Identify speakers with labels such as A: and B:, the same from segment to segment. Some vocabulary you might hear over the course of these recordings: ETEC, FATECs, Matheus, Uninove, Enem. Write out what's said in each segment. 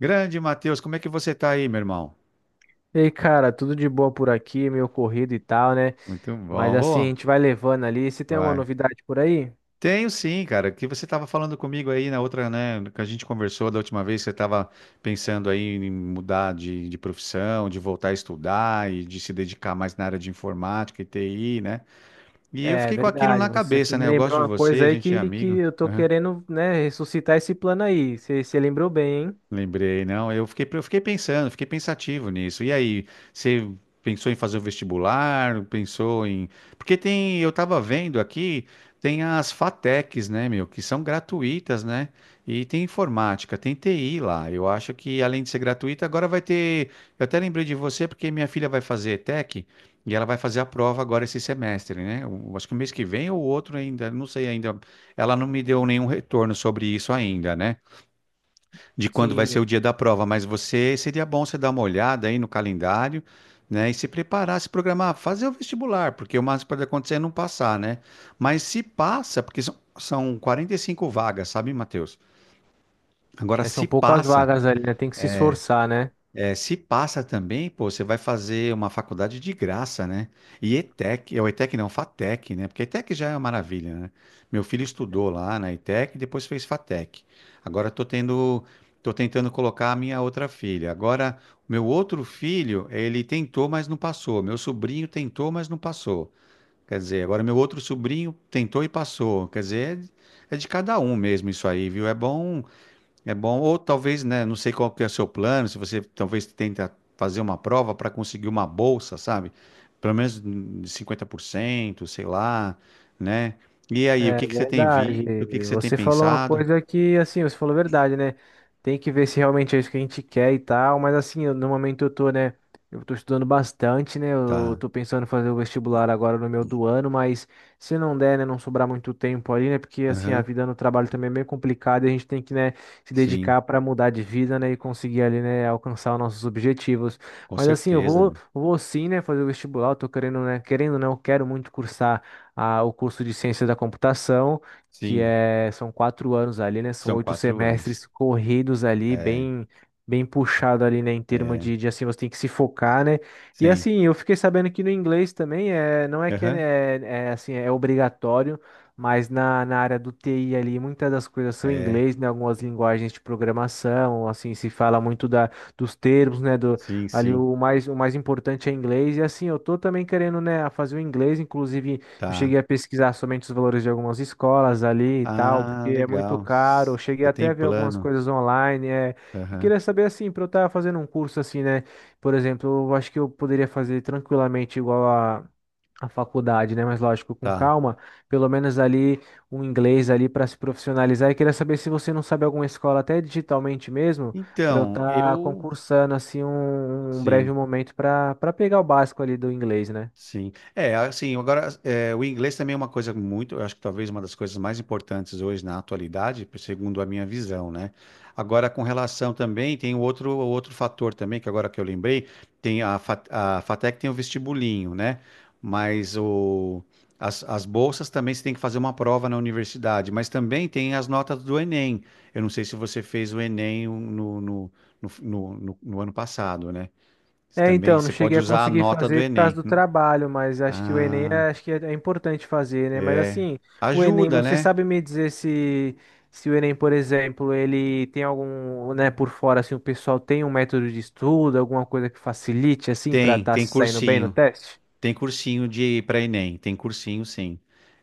A: Grande Matheus, como é que você tá aí, meu irmão?
B: E aí, cara, tudo de boa por aqui, meio corrido e tal, né?
A: Muito
B: Mas
A: bom.
B: assim, a
A: Ô,
B: gente vai levando ali. Você tem alguma
A: vai.
B: novidade por aí?
A: Tenho sim, cara, que você estava falando comigo aí na outra, né, que a gente conversou da última vez, você estava pensando aí em mudar de profissão, de voltar a estudar e de se dedicar mais na área de informática e TI, né? E eu
B: É
A: fiquei com aquilo
B: verdade,
A: na
B: você
A: cabeça,
B: me
A: né? Eu gosto
B: lembrou
A: de
B: uma
A: você,
B: coisa
A: a
B: aí
A: gente é
B: que
A: amigo.
B: eu tô querendo, né, ressuscitar esse plano aí. Você lembrou bem, hein?
A: Lembrei, não. Eu fiquei pensando, fiquei pensativo nisso. E aí, você pensou em fazer o vestibular? Pensou em. Porque tem, eu tava vendo aqui, tem as FATECs, né, meu, que são gratuitas, né? E tem informática, tem TI lá. Eu acho que além de ser gratuita, agora vai ter. Eu até lembrei de você porque minha filha vai fazer ETEC e ela vai fazer a prova agora esse semestre, né? Eu acho que o mês que vem ou outro ainda, não sei ainda. Ela não me deu nenhum retorno sobre isso ainda, né? De quando vai ser
B: Sim,
A: o dia da prova, mas você seria bom você dar uma olhada aí no calendário, né, e se preparar, se programar, fazer o vestibular, porque o máximo que pode acontecer é não passar, né? Mas se passa, porque são 45 vagas, sabe, Matheus? Agora,
B: é,
A: se
B: são poucas
A: passa,
B: vagas ali, né? Tem que se esforçar, né?
A: é, se passa também, pô, você vai fazer uma faculdade de graça, né? E ETEC, é o ETEC não, FATEC, né? Porque ETEC já é uma maravilha, né? Meu filho estudou lá na ETEC e depois fez FATEC. Agora eu tô tendo, tô tentando colocar a minha outra filha. Agora, meu outro filho, ele tentou, mas não passou. Meu sobrinho tentou, mas não passou. Quer dizer, agora meu outro sobrinho tentou e passou. Quer dizer, é de cada um mesmo isso aí, viu? É bom, ou talvez, né, não sei qual que é o seu plano, se você talvez tenta fazer uma prova para conseguir uma bolsa, sabe? Pelo menos 50% sei lá, né? E aí, o
B: É
A: que que você tem
B: verdade.
A: visto? O que que você tem
B: Você falou uma
A: pensado?
B: coisa que, assim, você falou verdade, né? Tem que ver se realmente é isso que a gente quer e tal, mas assim, no momento eu tô, né? Eu tô estudando bastante, né? Eu
A: Tá.
B: tô pensando em fazer o vestibular agora no meu do ano, mas se não der, né, não sobrar muito tempo ali, né? Porque assim, a
A: Aham.
B: vida no trabalho também é meio complicada e a gente tem que, né, se
A: Sim,
B: dedicar para mudar de vida, né, e conseguir ali, né, alcançar os nossos objetivos.
A: com
B: Mas assim, eu
A: certeza,
B: vou,
A: meu.
B: vou sim, né, fazer o vestibular, eu tô querendo, né, querendo, não, eu quero muito cursar o curso de Ciência da Computação, que
A: Sim,
B: é, são 4 anos ali, né? São
A: são
B: oito
A: 4 anos.
B: semestres corridos ali,
A: É,
B: bem puxado ali, né? Em termos
A: é,
B: de, assim, você tem que se focar, né? E
A: sim.
B: assim, eu fiquei sabendo que no inglês também é, não é que é,
A: Aham.
B: é é, assim, é obrigatório. Mas na área do TI ali, muitas das coisas são em
A: É,
B: inglês, né? Algumas linguagens de programação, assim, se fala muito da, dos termos, né? Do,
A: sim,
B: ali
A: sim.
B: o mais importante é inglês. E assim, eu tô também querendo, né, fazer o inglês, inclusive. Eu
A: Tá.
B: cheguei a pesquisar somente os valores de algumas escolas ali e tal,
A: Ah,
B: porque é muito
A: legal.
B: caro. Eu cheguei
A: Você
B: até
A: tem
B: a ver algumas
A: plano.
B: coisas online, é, e
A: Aham.
B: queria saber assim, para eu estar fazendo um curso assim, né? Por exemplo, eu acho que eu poderia fazer tranquilamente igual a faculdade, né? Mas lógico, com
A: Tá.
B: calma, pelo menos ali um inglês ali para se profissionalizar. E queria saber se você não sabe alguma escola até digitalmente mesmo, para eu
A: Então,
B: estar
A: eu
B: concursando assim um breve
A: Sim,
B: momento para pegar o básico ali do inglês, né?
A: sim. É, assim, agora, é, o inglês também é uma coisa muito, eu acho que talvez uma das coisas mais importantes hoje na atualidade, segundo a minha visão, né? Agora, com relação também, tem o outro fator também, que agora que eu lembrei, tem a FATEC tem o vestibulinho, né? Mas o, as bolsas também você tem que fazer uma prova na universidade, mas também tem as notas do Enem. Eu não sei se você fez o Enem um, no ano passado, né? Você
B: É,
A: também
B: então, não
A: você pode
B: cheguei a
A: usar a
B: conseguir
A: nota do
B: fazer por causa
A: Enem,
B: do
A: né?
B: trabalho, mas acho que o Enem é,
A: Ah,
B: acho que é, é importante fazer, né? Mas assim, o Enem,
A: ajuda,
B: você
A: né?
B: sabe me dizer se, se o Enem, por exemplo, ele tem algum, né, por fora, assim, o pessoal tem um método de estudo, alguma coisa que facilite, assim, para
A: Tem,
B: estar
A: tem
B: se saindo bem no
A: cursinho.
B: teste?
A: Tem cursinho de para Enem, tem cursinho sim.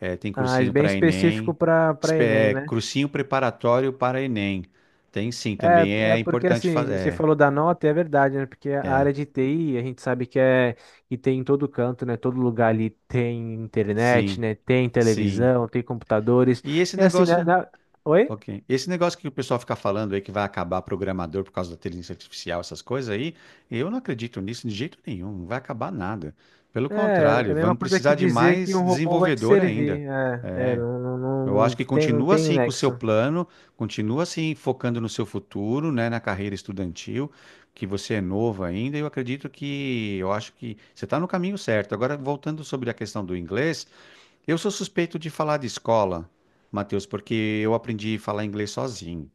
A: É, tem
B: Ah, é
A: cursinho
B: bem
A: para
B: específico
A: Enem,
B: para Enem,
A: é,
B: né?
A: cursinho preparatório para Enem. Tem sim, também
B: É, é
A: é
B: porque
A: importante
B: assim, você
A: fazer.
B: falou da nota, e é verdade, né? Porque a área de TI, a gente sabe que é que tem em todo canto, né? Todo lugar ali tem
A: Sim,
B: internet, né? Tem
A: sim.
B: televisão, tem computadores.
A: E esse
B: E assim, né?
A: negócio.
B: Oi?
A: Ok. Esse negócio que o pessoal fica falando aí que vai acabar programador por causa da inteligência artificial, essas coisas aí, eu não acredito nisso de jeito nenhum. Não vai acabar nada. Pelo
B: É, é a
A: contrário,
B: mesma
A: vamos
B: coisa que
A: precisar de
B: dizer que
A: mais
B: um robô vai te
A: desenvolvedor ainda.
B: servir. É, é,
A: É. Eu
B: não
A: acho que
B: tem, não
A: continua
B: tem
A: assim com o seu
B: nexo.
A: plano, continua assim focando no seu futuro, né, na carreira estudantil, que você é novo ainda. Eu acredito que, eu acho que você está no caminho certo. Agora, voltando sobre a questão do inglês. Eu sou suspeito de falar de escola, Matheus, porque eu aprendi a falar inglês sozinho.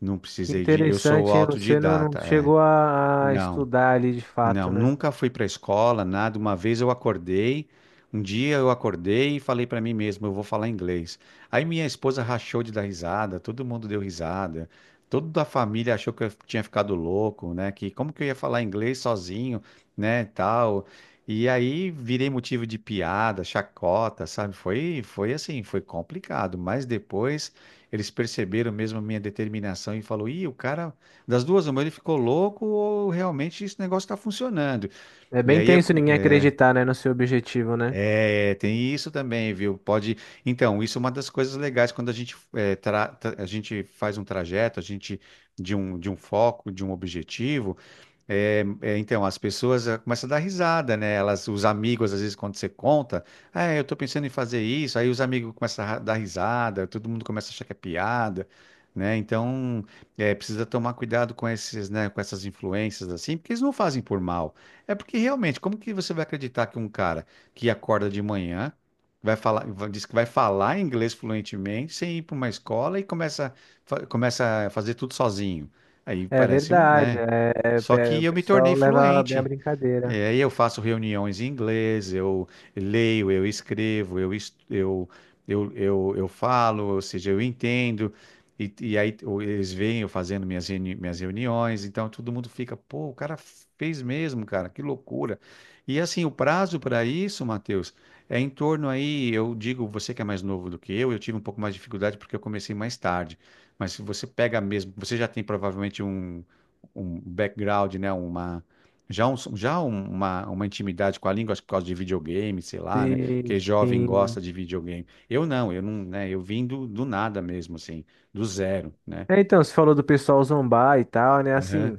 A: Não
B: Que
A: precisei de. Eu sou
B: interessante, hein? Você não, não
A: autodidata, é.
B: chegou a
A: Não.
B: estudar ali de fato,
A: Não,
B: né?
A: nunca fui para a escola, nada. Uma vez eu acordei, um dia eu acordei e falei para mim mesmo, eu vou falar inglês. Aí minha esposa rachou de dar risada, todo mundo deu risada, toda a família achou que eu tinha ficado louco, né? Que como que eu ia falar inglês sozinho, né, tal. E aí virei motivo de piada, chacota, sabe? Foi assim, foi complicado. Mas depois eles perceberam mesmo a minha determinação e falou, ih, o cara, das duas, uma, ele ficou louco ou realmente esse negócio está funcionando.
B: É
A: E
B: bem
A: aí, eu-
B: tenso ninguém acreditar, né, no seu objetivo, né?
A: é, tem isso também, viu? Pode. Então, isso é uma das coisas legais quando a gente, é, a gente faz um trajeto, a gente de um foco, de um objetivo. É, é, então, as pessoas começam a dar risada, né? Elas, os amigos, às vezes, quando você conta, ah, eu tô pensando em fazer isso, aí os amigos começam a dar risada, todo mundo começa a achar que é piada, né? Então, precisa tomar cuidado com esses, né, com essas influências, assim, porque eles não fazem por mal. É porque, realmente, como que você vai acreditar que um cara que acorda de manhã, vai falar, diz que vai falar inglês fluentemente, sem ir para uma escola e começa, começa a fazer tudo sozinho? Aí
B: É
A: parece, um,
B: verdade,
A: né?
B: é,
A: Só que
B: o
A: eu me tornei
B: pessoal leva bem a
A: fluente.
B: brincadeira.
A: É, aí eu faço reuniões em inglês, eu leio, eu escrevo, eu, es- eu falo, ou seja, eu entendo, e aí o- eles veem eu fazendo minhas, minhas reuniões, então todo mundo fica, pô, o cara fez mesmo, cara, que loucura. E assim, o prazo para isso, Matheus, é em torno aí, eu digo, você que é mais novo do que eu tive um pouco mais de dificuldade porque eu comecei mais tarde, mas se você pega mesmo, você já tem provavelmente um background, né, uma já um, uma intimidade com a língua, acho que por causa de videogame, sei lá, né?
B: Sim,
A: Porque jovem gosta
B: sim.
A: de videogame. Eu não, né? Eu vim do nada mesmo, assim, do zero, né?
B: É, então, você falou do pessoal zombar e tal, né?
A: Aham,
B: Assim,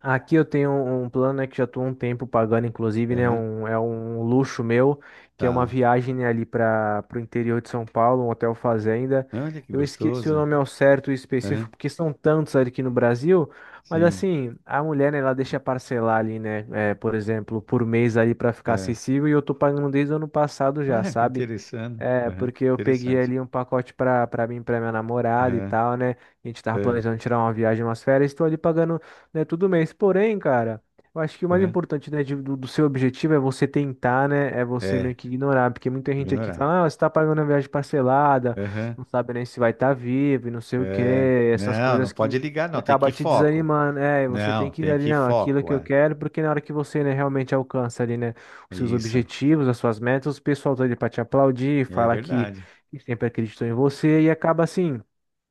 B: aqui eu tenho um plano, né, que já estou um tempo pagando, inclusive, né,
A: aham,
B: um, é um luxo meu, que é uma
A: tá.
B: viagem, né, ali para o interior de São Paulo, um hotel fazenda.
A: Olha que
B: Eu esqueci o
A: gostoso.
B: nome ao certo e específico,
A: Aham,
B: porque são tantos ali aqui no Brasil, mas
A: sim.
B: assim, a mulher, né, ela deixa parcelar ali, né, é, por exemplo, por mês ali para ficar
A: É.
B: acessível e eu tô pagando desde o ano passado já,
A: Olha que
B: sabe?
A: interessante.
B: É,
A: Aham,
B: porque eu peguei
A: interessante.
B: ali um pacote pra mim, e pra minha namorada e
A: Aham,
B: tal, né? A gente tava
A: é,
B: planejando tirar uma viagem, umas férias, estou ali pagando, né, todo mês. Porém, cara, eu acho que o mais
A: aham.
B: importante, né, do seu objetivo é você tentar, né? É você meio
A: É,
B: que ignorar, porque muita gente aqui
A: ignorar.
B: fala, ah, você tá pagando uma viagem parcelada,
A: Aham,
B: não sabe nem se vai estar vivo e não sei o
A: é.
B: quê, essas
A: Não, não
B: coisas
A: pode
B: que.
A: ligar,
B: Que
A: não. Tem que ir
B: acaba te
A: foco.
B: desanimando, é, e você tem
A: Não,
B: que ir
A: tem
B: ali,
A: que ir
B: não, aquilo que
A: foco,
B: eu
A: é.
B: quero, porque na hora que você, né, realmente alcança ali, né,
A: É
B: seus
A: isso.
B: objetivos, as suas metas, o pessoal tá ali pra te aplaudir,
A: É
B: fala que
A: verdade.
B: sempre acreditou em você e acaba assim.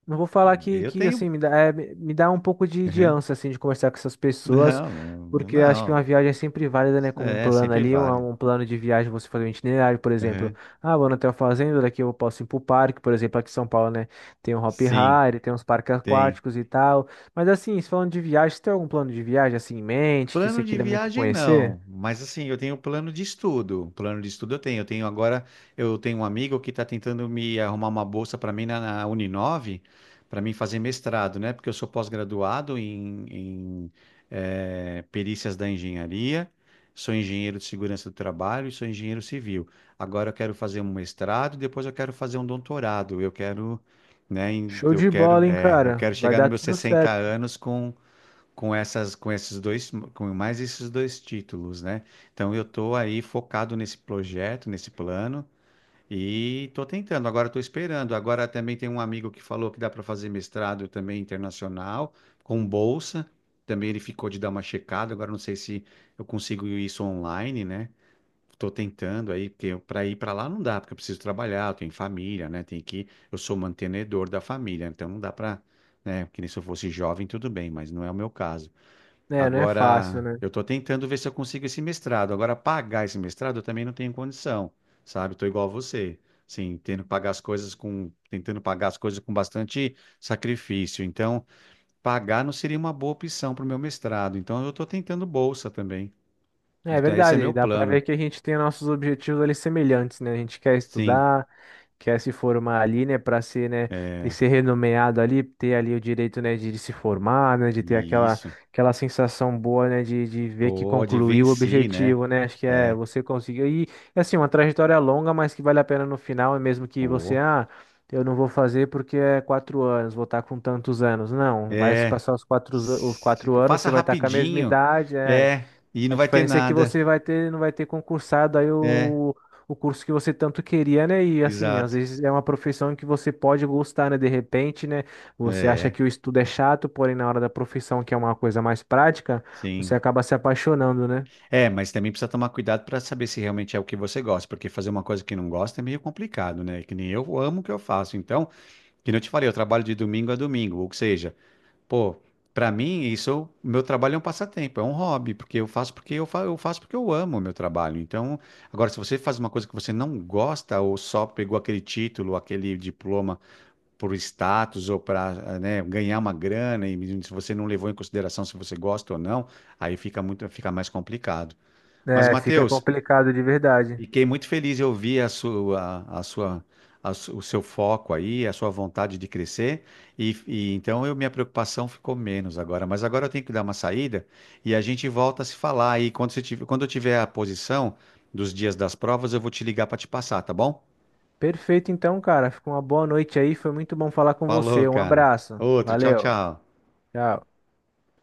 B: Não vou falar que,
A: Eu
B: que
A: tenho.
B: assim, me dá, é, me dá um pouco de
A: Uhum.
B: ânsia, assim, de conversar com essas pessoas,
A: Não, não,
B: porque eu acho que uma
A: não.
B: viagem é sempre válida, né?
A: Não.
B: Como um
A: É,
B: plano
A: sempre
B: ali,
A: vale.
B: um plano de viagem, você fazer um itinerário, por exemplo.
A: Uhum.
B: Ah, vou no Hotel Fazenda, daqui eu posso ir pro parque, por exemplo, aqui em São Paulo, né? Tem um Hop
A: Sim,
B: Hari, tem uns parques
A: tem.
B: aquáticos e tal. Mas assim, se falando de viagem, você tem algum plano de viagem, assim, em mente, que você
A: Plano de
B: queira muito
A: viagem
B: conhecer?
A: não, mas assim, eu tenho plano de estudo. Plano de estudo eu tenho. Eu tenho agora, eu tenho um amigo que está tentando me arrumar uma bolsa para mim na Uninove, para mim fazer mestrado, né? Porque eu sou pós-graduado perícias da engenharia, sou engenheiro de segurança do trabalho e sou engenheiro civil. Agora eu quero fazer um mestrado, depois eu quero fazer um doutorado. Eu quero, né? em-
B: Show
A: Eu
B: de
A: quero,
B: bola, hein,
A: é, eu
B: cara?
A: quero
B: Vai
A: chegar nos
B: dar
A: meus
B: tudo
A: 60
B: certo.
A: anos com essas com esses dois com mais esses dois títulos, né? Então eu tô aí focado nesse projeto, nesse plano e tô tentando, agora tô esperando. Agora também tem um amigo que falou que dá para fazer mestrado também internacional com bolsa. Também ele ficou de dar uma checada, agora não sei se eu consigo isso online, né? Tô tentando aí, porque para ir para lá não dá, porque eu preciso trabalhar, eu tenho família, né? Tem que, eu sou mantenedor da família, então não dá para, né? Que nem se eu fosse jovem, tudo bem, mas não é o meu caso.
B: É, não é fácil,
A: Agora,
B: né?
A: eu estou tentando ver se eu consigo esse mestrado. Agora, pagar esse mestrado eu também não tenho condição, sabe? Estou igual a você, sim, tendo que pagar as coisas com, tentando pagar as coisas com bastante sacrifício. Então, pagar não seria uma boa opção para o meu mestrado. Então, eu estou tentando bolsa também.
B: É
A: Então, esse é
B: verdade,
A: meu
B: dá pra ver
A: plano,
B: que a gente tem nossos objetivos ali semelhantes, né? A gente quer
A: sim.
B: estudar, quer se formar ali, né, pra ser, né, ter
A: É,
B: ser renomeado ali, ter ali o direito, né, de se formar, né, de ter
A: e isso.
B: aquela sensação boa, né, de ver que
A: Pode
B: concluiu o
A: venci, né?
B: objetivo, né? Acho que é
A: É,
B: você conseguiu e assim, uma trajetória longa, mas que vale a pena no final, e mesmo que você
A: pô.
B: ah, eu não vou fazer porque é 4 anos, vou estar com tantos anos. Não, vai se
A: É,
B: passar os quatro anos, você
A: faça
B: vai estar com a mesma
A: rapidinho.
B: idade, é.
A: É, e não
B: A
A: vai ter
B: diferença é que
A: nada.
B: você vai ter, não vai ter concursado aí
A: É.
B: o curso que você tanto queria, né? E assim, às
A: Exato.
B: vezes é uma profissão que você pode gostar, né? De repente, né? Você acha
A: É,
B: que o estudo é chato, porém na hora da profissão, que é uma coisa mais prática, você
A: sim.
B: acaba se apaixonando, né?
A: É, mas também precisa tomar cuidado para saber se realmente é o que você gosta, porque fazer uma coisa que não gosta é meio complicado, né? Que nem eu amo o que eu faço. Então, que nem eu te falei, eu trabalho de domingo a domingo, ou seja, pô, para mim isso, meu trabalho é um passatempo, é um hobby, porque eu faço porque eu, fa eu faço porque eu amo o meu trabalho. Então, agora se você faz uma coisa que você não gosta ou só pegou aquele título, aquele diploma por status ou para, né, ganhar uma grana, e se você não levou em consideração se você gosta ou não, aí fica muito, fica mais complicado. Mas,
B: É, fica
A: Matheus,
B: complicado de verdade.
A: fiquei muito feliz em ouvir a sua, a sua, a su- o seu foco aí, a sua vontade de crescer, e então eu, minha preocupação ficou menos agora. Mas agora eu tenho que dar uma saída e a gente volta a se falar. E quando você tiver, quando eu tiver a posição dos dias das provas, eu vou te ligar para te passar, tá bom?
B: Perfeito, então, cara. Fica uma boa noite aí. Foi muito bom falar com
A: Falou,
B: você. Um
A: cara.
B: abraço.
A: Outro, tchau,
B: Valeu.
A: tchau.
B: Tchau.